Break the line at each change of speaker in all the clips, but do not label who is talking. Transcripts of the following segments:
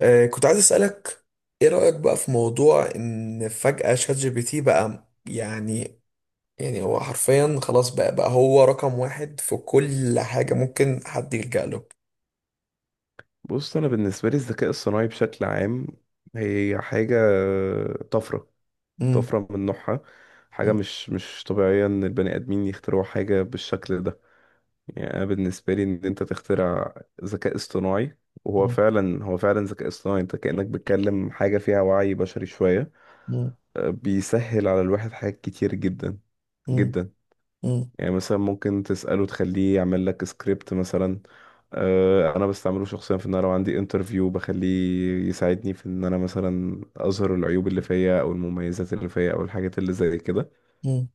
كنت عايز أسألك، إيه رأيك بقى في موضوع إن فجأة شات جي بي تي بقى يعني هو حرفيا خلاص بقى هو رقم واحد في كل حاجة ممكن حد يلجأ له.
بص انا بالنسبه لي الذكاء الصناعي بشكل عام هي حاجه، طفره،
مم.
طفره من نوعها. حاجه
مم.
مش طبيعيه ان البني ادمين يخترعوا حاجه بالشكل ده. يعني انا بالنسبه لي ان انت تخترع ذكاء اصطناعي وهو
مم.
فعلا، هو فعلا ذكاء اصطناعي، انت كانك بتكلم حاجه فيها وعي بشري شويه.
مم.
بيسهل على الواحد حاجات كتير جدا
مم.
جدا.
مم.
يعني مثلا ممكن تسأله تخليه يعمل لك سكريبت مثلا. انا بستعمله شخصيا في ان انا لو عندي انترفيو بخليه يساعدني في ان انا مثلا اظهر العيوب اللي فيا او المميزات اللي فيا او الحاجات اللي زي كده.
مم.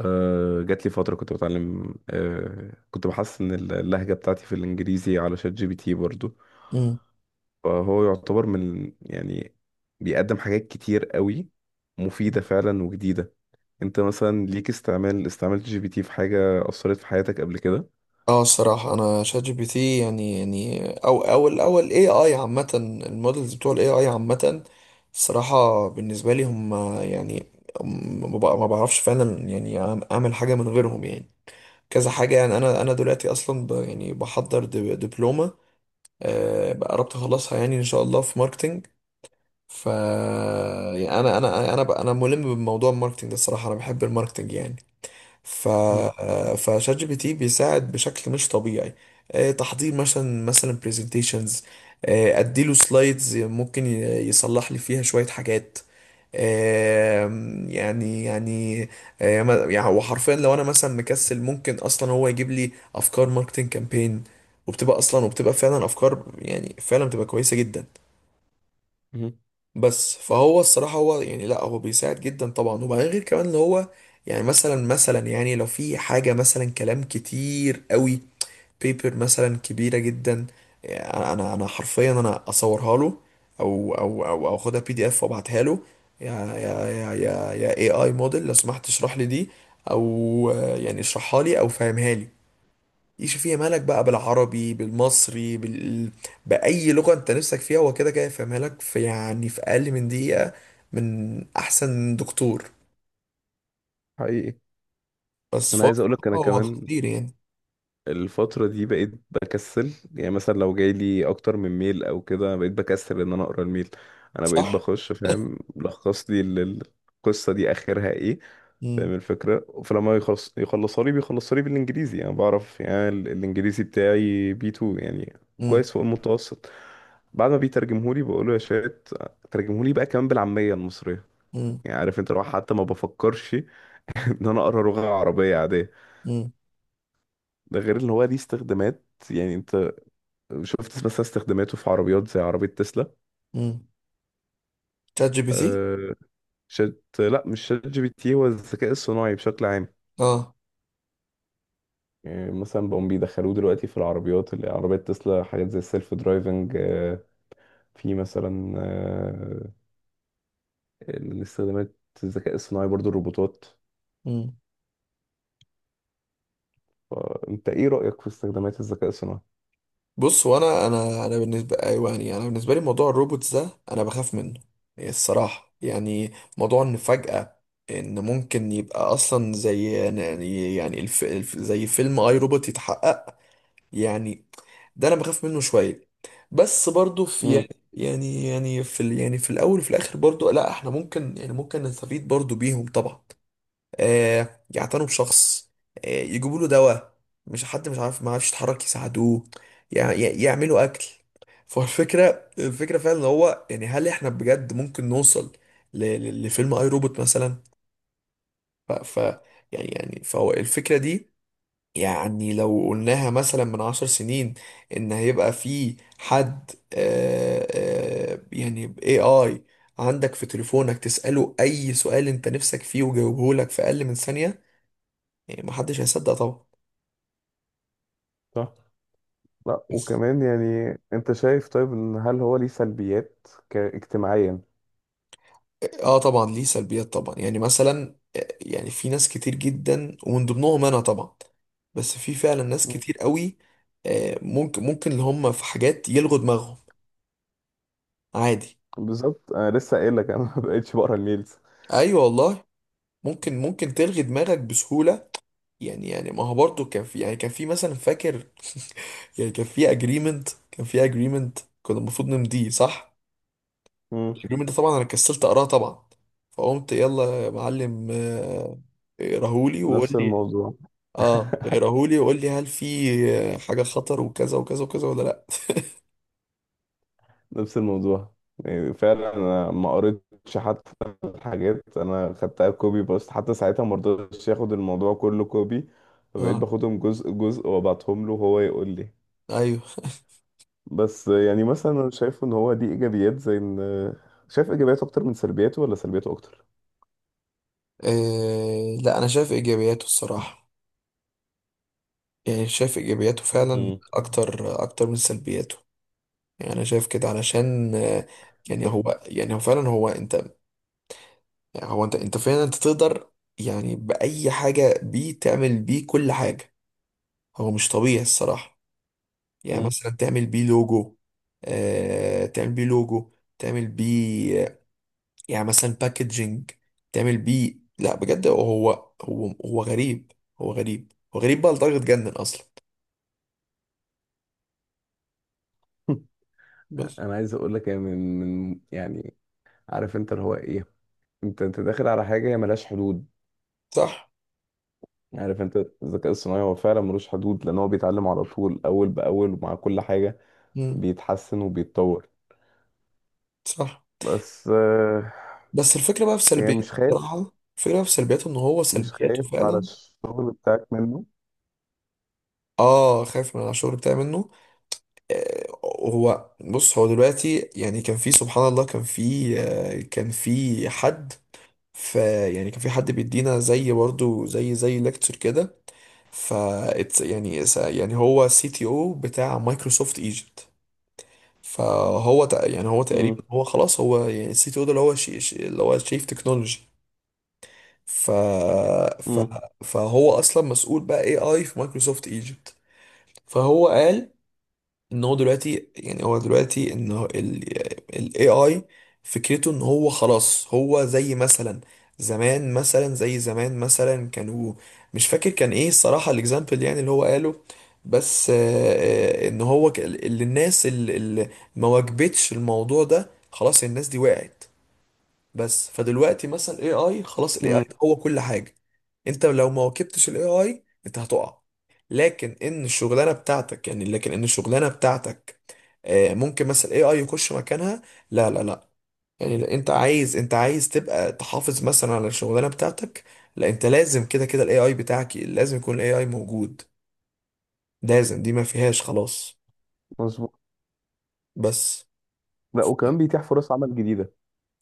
جات لي فترة كنت بتعلم، كنت بحسن اللهجة بتاعتي في الانجليزي على شات جي بي تي برضو.
مم.
فهو يعتبر من، يعني بيقدم حاجات كتير قوي مفيدة فعلا وجديدة. انت مثلا ليك استعمال؟ استعملت جي بي تي في حاجة أثرت في حياتك قبل كده؟
اه، الصراحة أنا شات جي بي تي يعني أو الأول اي اي عامة، المودلز بتوع الاي اي عامة. الصراحة بالنسبة لي هم، يعني ما بعرفش فعلا يعني أعمل حاجة من غيرهم يعني. كذا حاجة يعني أنا دلوقتي أصلا يعني بحضر دبلومة، بقى قربت أخلصها يعني إن شاء الله في ماركتينج. ف يعني أنا ملم بموضوع الماركتينج ده، الصراحة أنا بحب الماركتينج يعني. ف فشات جي بي تي بيساعد بشكل مش طبيعي، تحضير مثلا برزنتيشنز، اديله سلايدز، ممكن يصلح لي فيها شوية حاجات. يعني يعني هو حرفيا لو انا مثلا مكسل ممكن اصلا هو يجيب لي افكار ماركتنج كامبين، وبتبقى فعلا افكار، يعني فعلا بتبقى كويسة جدا.
مهم.
بس فهو الصراحة هو يعني لا، هو بيساعد جدا طبعا، وبعدين غير كمان اللي هو يعني مثلا، يعني لو في حاجة مثلا كلام كتير قوي، بيبر مثلا كبيرة جدا، يعني انا حرفيا انا اصورها له، او اخدها بي دي اف وابعتها له، يا اي اي موديل، لو سمحت اشرح لي دي، او يعني اشرحها لي او فهمها لي، يشوف فيها مالك بقى، بالعربي، بالمصري، بأي لغة انت نفسك فيها، هو كده كده يفهمها لك في يعني في أقل من دقيقة، من أحسن دكتور.
حقيقي.
بس
انا
فهو
عايز اقولك
بصراحة
انا
هو
كمان
خطير يعني.
الفترة دي بقيت بكسل. يعني مثلا لو جاي لي اكتر من ميل او كده بقيت بكسل ان انا اقرا الميل. انا بقيت
صح؟
بخش فاهم، لخص لي القصة دي اخرها ايه.
مم.
فاهم الفكرة؟ فلما يخلص يخلصها لي بيخلصها لي بالانجليزي. انا بعرف يعني ال- الانجليزي بتاعي بي 2 يعني،
مم.
كويس فوق المتوسط. بعد ما بيترجمهولي بقوله يا شات ترجمهولي بقى كمان بالعامية المصرية.
مم.
يعني عارف انت، لو حتى ما بفكرش ان انا اقرا لغة عربية.
مم.
ده غير ان هو ليه استخدامات. يعني انت شفت مثلا استخداماته في عربيات زي عربية تسلا؟
مم. شات جي بي تي؟
آه. شات، لا مش شات جي بي تي، هو الذكاء الصناعي بشكل عام.
اه.
يعني مثلا بقوا بيدخلوه دلوقتي في العربيات، اللي عربيات تسلا، حاجات زي السيلف درايفنج. في مثلا، الاستخدامات، الذكاء الصناعي برضو الروبوتات. فانت ايه رأيك في استخدامات الذكاء الصناعي؟
بص، وانا انا انا بالنسبه، ايوه يعني انا بالنسبه لي موضوع الروبوتس ده انا بخاف منه، يعني الصراحه يعني، موضوع ان فجاه ان ممكن يبقى اصلا زي يعني زي فيلم اي روبوت يتحقق يعني، ده انا بخاف منه شويه. بس برضو في
امم.
يعني، يعني في الاول وفي الاخر برضو، لا احنا ممكن يعني ممكن نستفيد برضو بيهم طبعا، يعتنوا بشخص، يجيبوا له دواء، مش حد مش عارف ما عارفش يتحرك يساعدوه، يعملوا اكل. فالفكره، فعلا ان هو يعني هل احنا بجد ممكن نوصل لفيلم اي روبوت مثلا؟ ف, ف يعني فهو الفكره دي، يعني لو قلناها مثلا من 10 سنين، ان هيبقى في حد يعني اي اي عندك في تليفونك تسأله اي سؤال انت نفسك فيه وجاوبه لك في اقل من ثانية، يعني محدش هيصدق طبعا.
صح. لا وكمان، يعني انت شايف طيب ان هل هو ليه سلبيات اجتماعيا؟
اه طبعا، ليه سلبيات طبعا، يعني مثلا يعني في ناس كتير جدا ومن ضمنهم انا طبعا، بس في فعلا ناس كتير قوي، ممكن اللي هم في حاجات يلغوا دماغهم عادي.
بالظبط، انا لسه قايل لك انا ما بقتش بقرا الميلز.
ايوه والله، ممكن تلغي دماغك بسهولة، يعني ما هو برضه كان في يعني كان في مثلا، فاكر يعني كان في اجريمنت، كان في اجريمنت كنا المفروض نمضيه صح،
مم.
اليوم ده طبعا انا كسلت اقراه طبعا، فقمت يلا يا معلم، اقراهولي وقول
نفس
لي،
الموضوع.
اه اقراهولي وقول لي هل في حاجه خطر وكذا وكذا وكذا، ولا لا.
نفس الموضوع. يعني فعلا انا ما قريتش حتى. الحاجات انا خدتها كوبي، بس حتى ساعتها ما رضيتش ياخد الموضوع كله كوبي، فبقيت
اه.
باخدهم جزء جزء وابعتهم له وهو يقول لي.
ايوه.
بس يعني مثلا انا شايف ان هو دي ايجابيات، زي ان شايف ايجابياته اكتر من سلبياته ولا سلبياته اكتر؟
آه لا، انا شايف ايجابياته الصراحه، يعني شايف ايجابياته فعلا
مم.
اكتر اكتر من سلبياته. يعني انا شايف كده علشان يعني هو يعني هو فعلا هو انت هو انت انت فعلا انت تقدر يعني باي حاجه بيه، تعمل بيه كل حاجه، هو مش طبيعي الصراحه، يعني
مم.
مثلا تعمل بيه لوجو، تعمل بيه لوجو، تعمل بيه يعني مثلا باكجينج، تعمل بيه، لا بجد هو، هو غريب، هو غريب، هو غريب بقى لدرجة جنن أصلا. بس.
انا عايز اقول لك يعني، من يعني، عارف انت اللي هو ايه، انت انت داخل على حاجه هي ملهاش حدود.
صح.
يعني عارف انت، الذكاء الصناعي هو فعلا ملوش حدود، لان هو بيتعلم على طول اول باول ومع كل حاجه
مم.
بيتحسن وبيتطور.
صح.
بس
بس الفكرة بقى في
يعني
سلبياته،
مش خايف.
الصراحة، الفكرة بقى في سلبياته، إن هو
مش
سلبياته
خايف على
فعلا،
الشغل بتاعك منه؟
اه خايف من على الشغل بتاعي منه. آه، هو بص، هو دلوقتي يعني كان في سبحان الله كان في كان في حد، كان في حد بيدينا زي برضو زي ليكتشر كده، ف يعني هو سي تي او بتاع مايكروسوفت ايجيبت، يعني هو تقريبا
امم.
هو خلاص هو يعني السي تي او ده، اللي هو اللي هو شيف تكنولوجي، ف... ف...
امم.
فهو اصلا مسؤول بقى اي اي في مايكروسوفت ايجيبت. فهو قال ان هو دلوقتي يعني هو دلوقتي ان هو ال ال AI، فكرته ان هو خلاص هو زي مثلا زمان، مثلا زي زمان مثلا كانوا، مش فاكر كان ايه الصراحة الاكزامبل يعني اللي هو قاله، بس ان هو اللي الناس اللي ما واجبتش الموضوع ده خلاص الناس دي وقعت. بس فدلوقتي مثلا الاي اي خلاص، الاي اي
امم.
هو كل حاجه، انت لو ما واكبتش الاي اي انت هتقع. لكن ان الشغلانه بتاعتك، ممكن مثلا الاي اي يخش مكانها، لا لا لا، يعني لا، انت عايز تبقى تحافظ مثلا على الشغلانه بتاعتك، لا انت لازم كده كده الاي اي بتاعك لازم يكون الاي اي موجود، لازم، دي ما فيهاش خلاص.
مظبوط.
بس.
لا وكمان بيتيح فرص عمل جديده.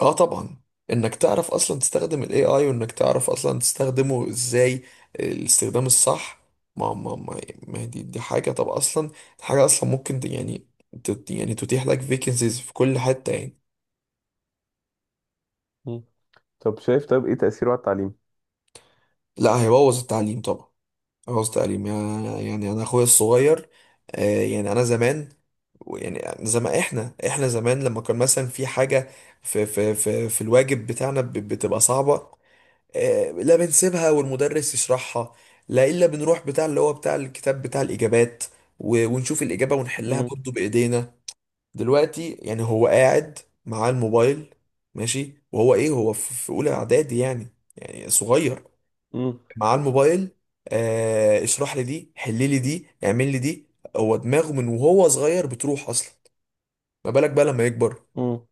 اه طبعا، انك تعرف اصلا تستخدم الاي اي، وانك تعرف اصلا تستخدمه ازاي، الاستخدام الصح، ما ما ما, ما دي حاجه طب اصلا، حاجه اصلا ممكن يعني يعني تتيح لك فيكنسيز في كل حته يعني.
مم. طب شايف طب ايه تاثيره على التعليم؟
لا، هيبوظ التعليم طبعا، هيبوظ التعليم يعني انا اخويا الصغير، آه يعني انا زمان، يعني زمان احنا زمان لما كان مثلا في حاجه في في الواجب بتاعنا بتبقى صعبه، لا بنسيبها والمدرس يشرحها، لا الا بنروح بتاع اللي هو بتاع الكتاب بتاع الاجابات، ونشوف الاجابه ونحلها
امم.
برضه بايدينا. دلوقتي يعني هو قاعد معاه الموبايل ماشي، وهو ايه، هو في اولى اعدادي يعني، يعني صغير،
امم.
معاه الموبايل، آه اشرح لي دي، حل لي دي، اعمل لي دي، هو دماغه من وهو صغير بتروح اصلا، ما بالك بقى لما يكبر.
امم.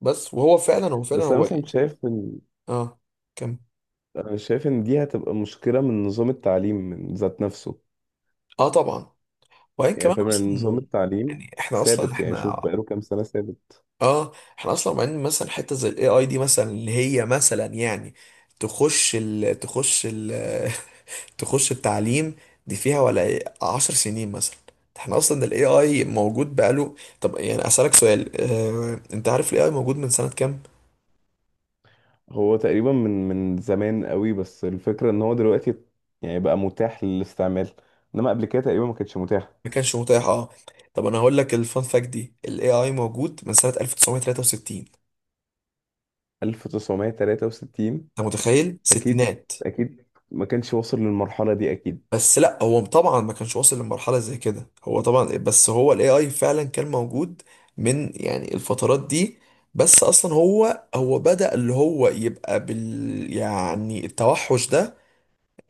بس وهو فعلا هو فعلا
بس انا
هو
مثلا شايف ان،
اه. كم.
انا شايف ان دي هتبقى مشكله من نظام التعليم من ذات نفسه.
اه طبعا، وبعدين
يعني
كمان
فاهم
اصلا،
إن نظام التعليم
يعني احنا اصلا
ثابت. يعني شوف
احنا.
بقاله كام سنة ثابت.
اه. احنا اصلا معين مثلا حته زي الاي اي دي مثلا، اللي هي مثلا يعني تخش ال تخش التعليم، دي فيها ولا 10 سنين مثلا، احنا اصلا الاي اي موجود بقاله. طب يعني اسالك سؤال، اه انت عارف الاي اي موجود من سنه كام؟
هو تقريبا من زمان قوي، بس الفكرة ان هو دلوقتي يعني بقى متاح للاستعمال. انما قبل كده تقريبا ما كانش متاح.
ما كانش متاح اه. طب انا هقول لك الفان فاكت دي، الاي اي موجود من سنه 1963.
1963؟
انت متخيل،
اكيد.
ستينات.
اكيد ما كانش واصل للمرحلة دي اكيد.
بس لا هو طبعا ما كانش واصل لمرحلة زي كده هو طبعا إيه، بس هو الاي اي فعلا كان موجود من يعني الفترات دي، بس اصلا هو بدأ اللي هو يبقى بال يعني التوحش ده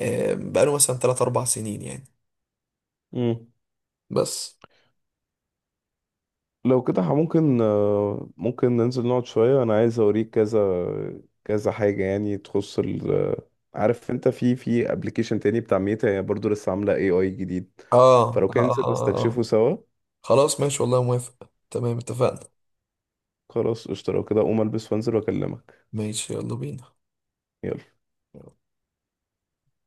بقاله مثلا 3 4 سنين يعني.
مم.
بس.
لو كده ممكن، ممكن ننزل نقعد شوية. أنا عايز أوريك كذا كذا حاجة يعني تخص ال، عارف أنت في في أبلكيشن تاني بتاع ميتا، هي برضه لسه عاملة اي اي جديد،
آه آه,
فلو كان ننزل
آه, آه, اه
نستكشفه
آه.
سوا.
خلاص ماشي والله موافق، تمام اتفقنا.
خلاص قشطة، لو كده أقوم ألبس وأنزل وأكلمك.
ماشي يلا بينا.
يلا.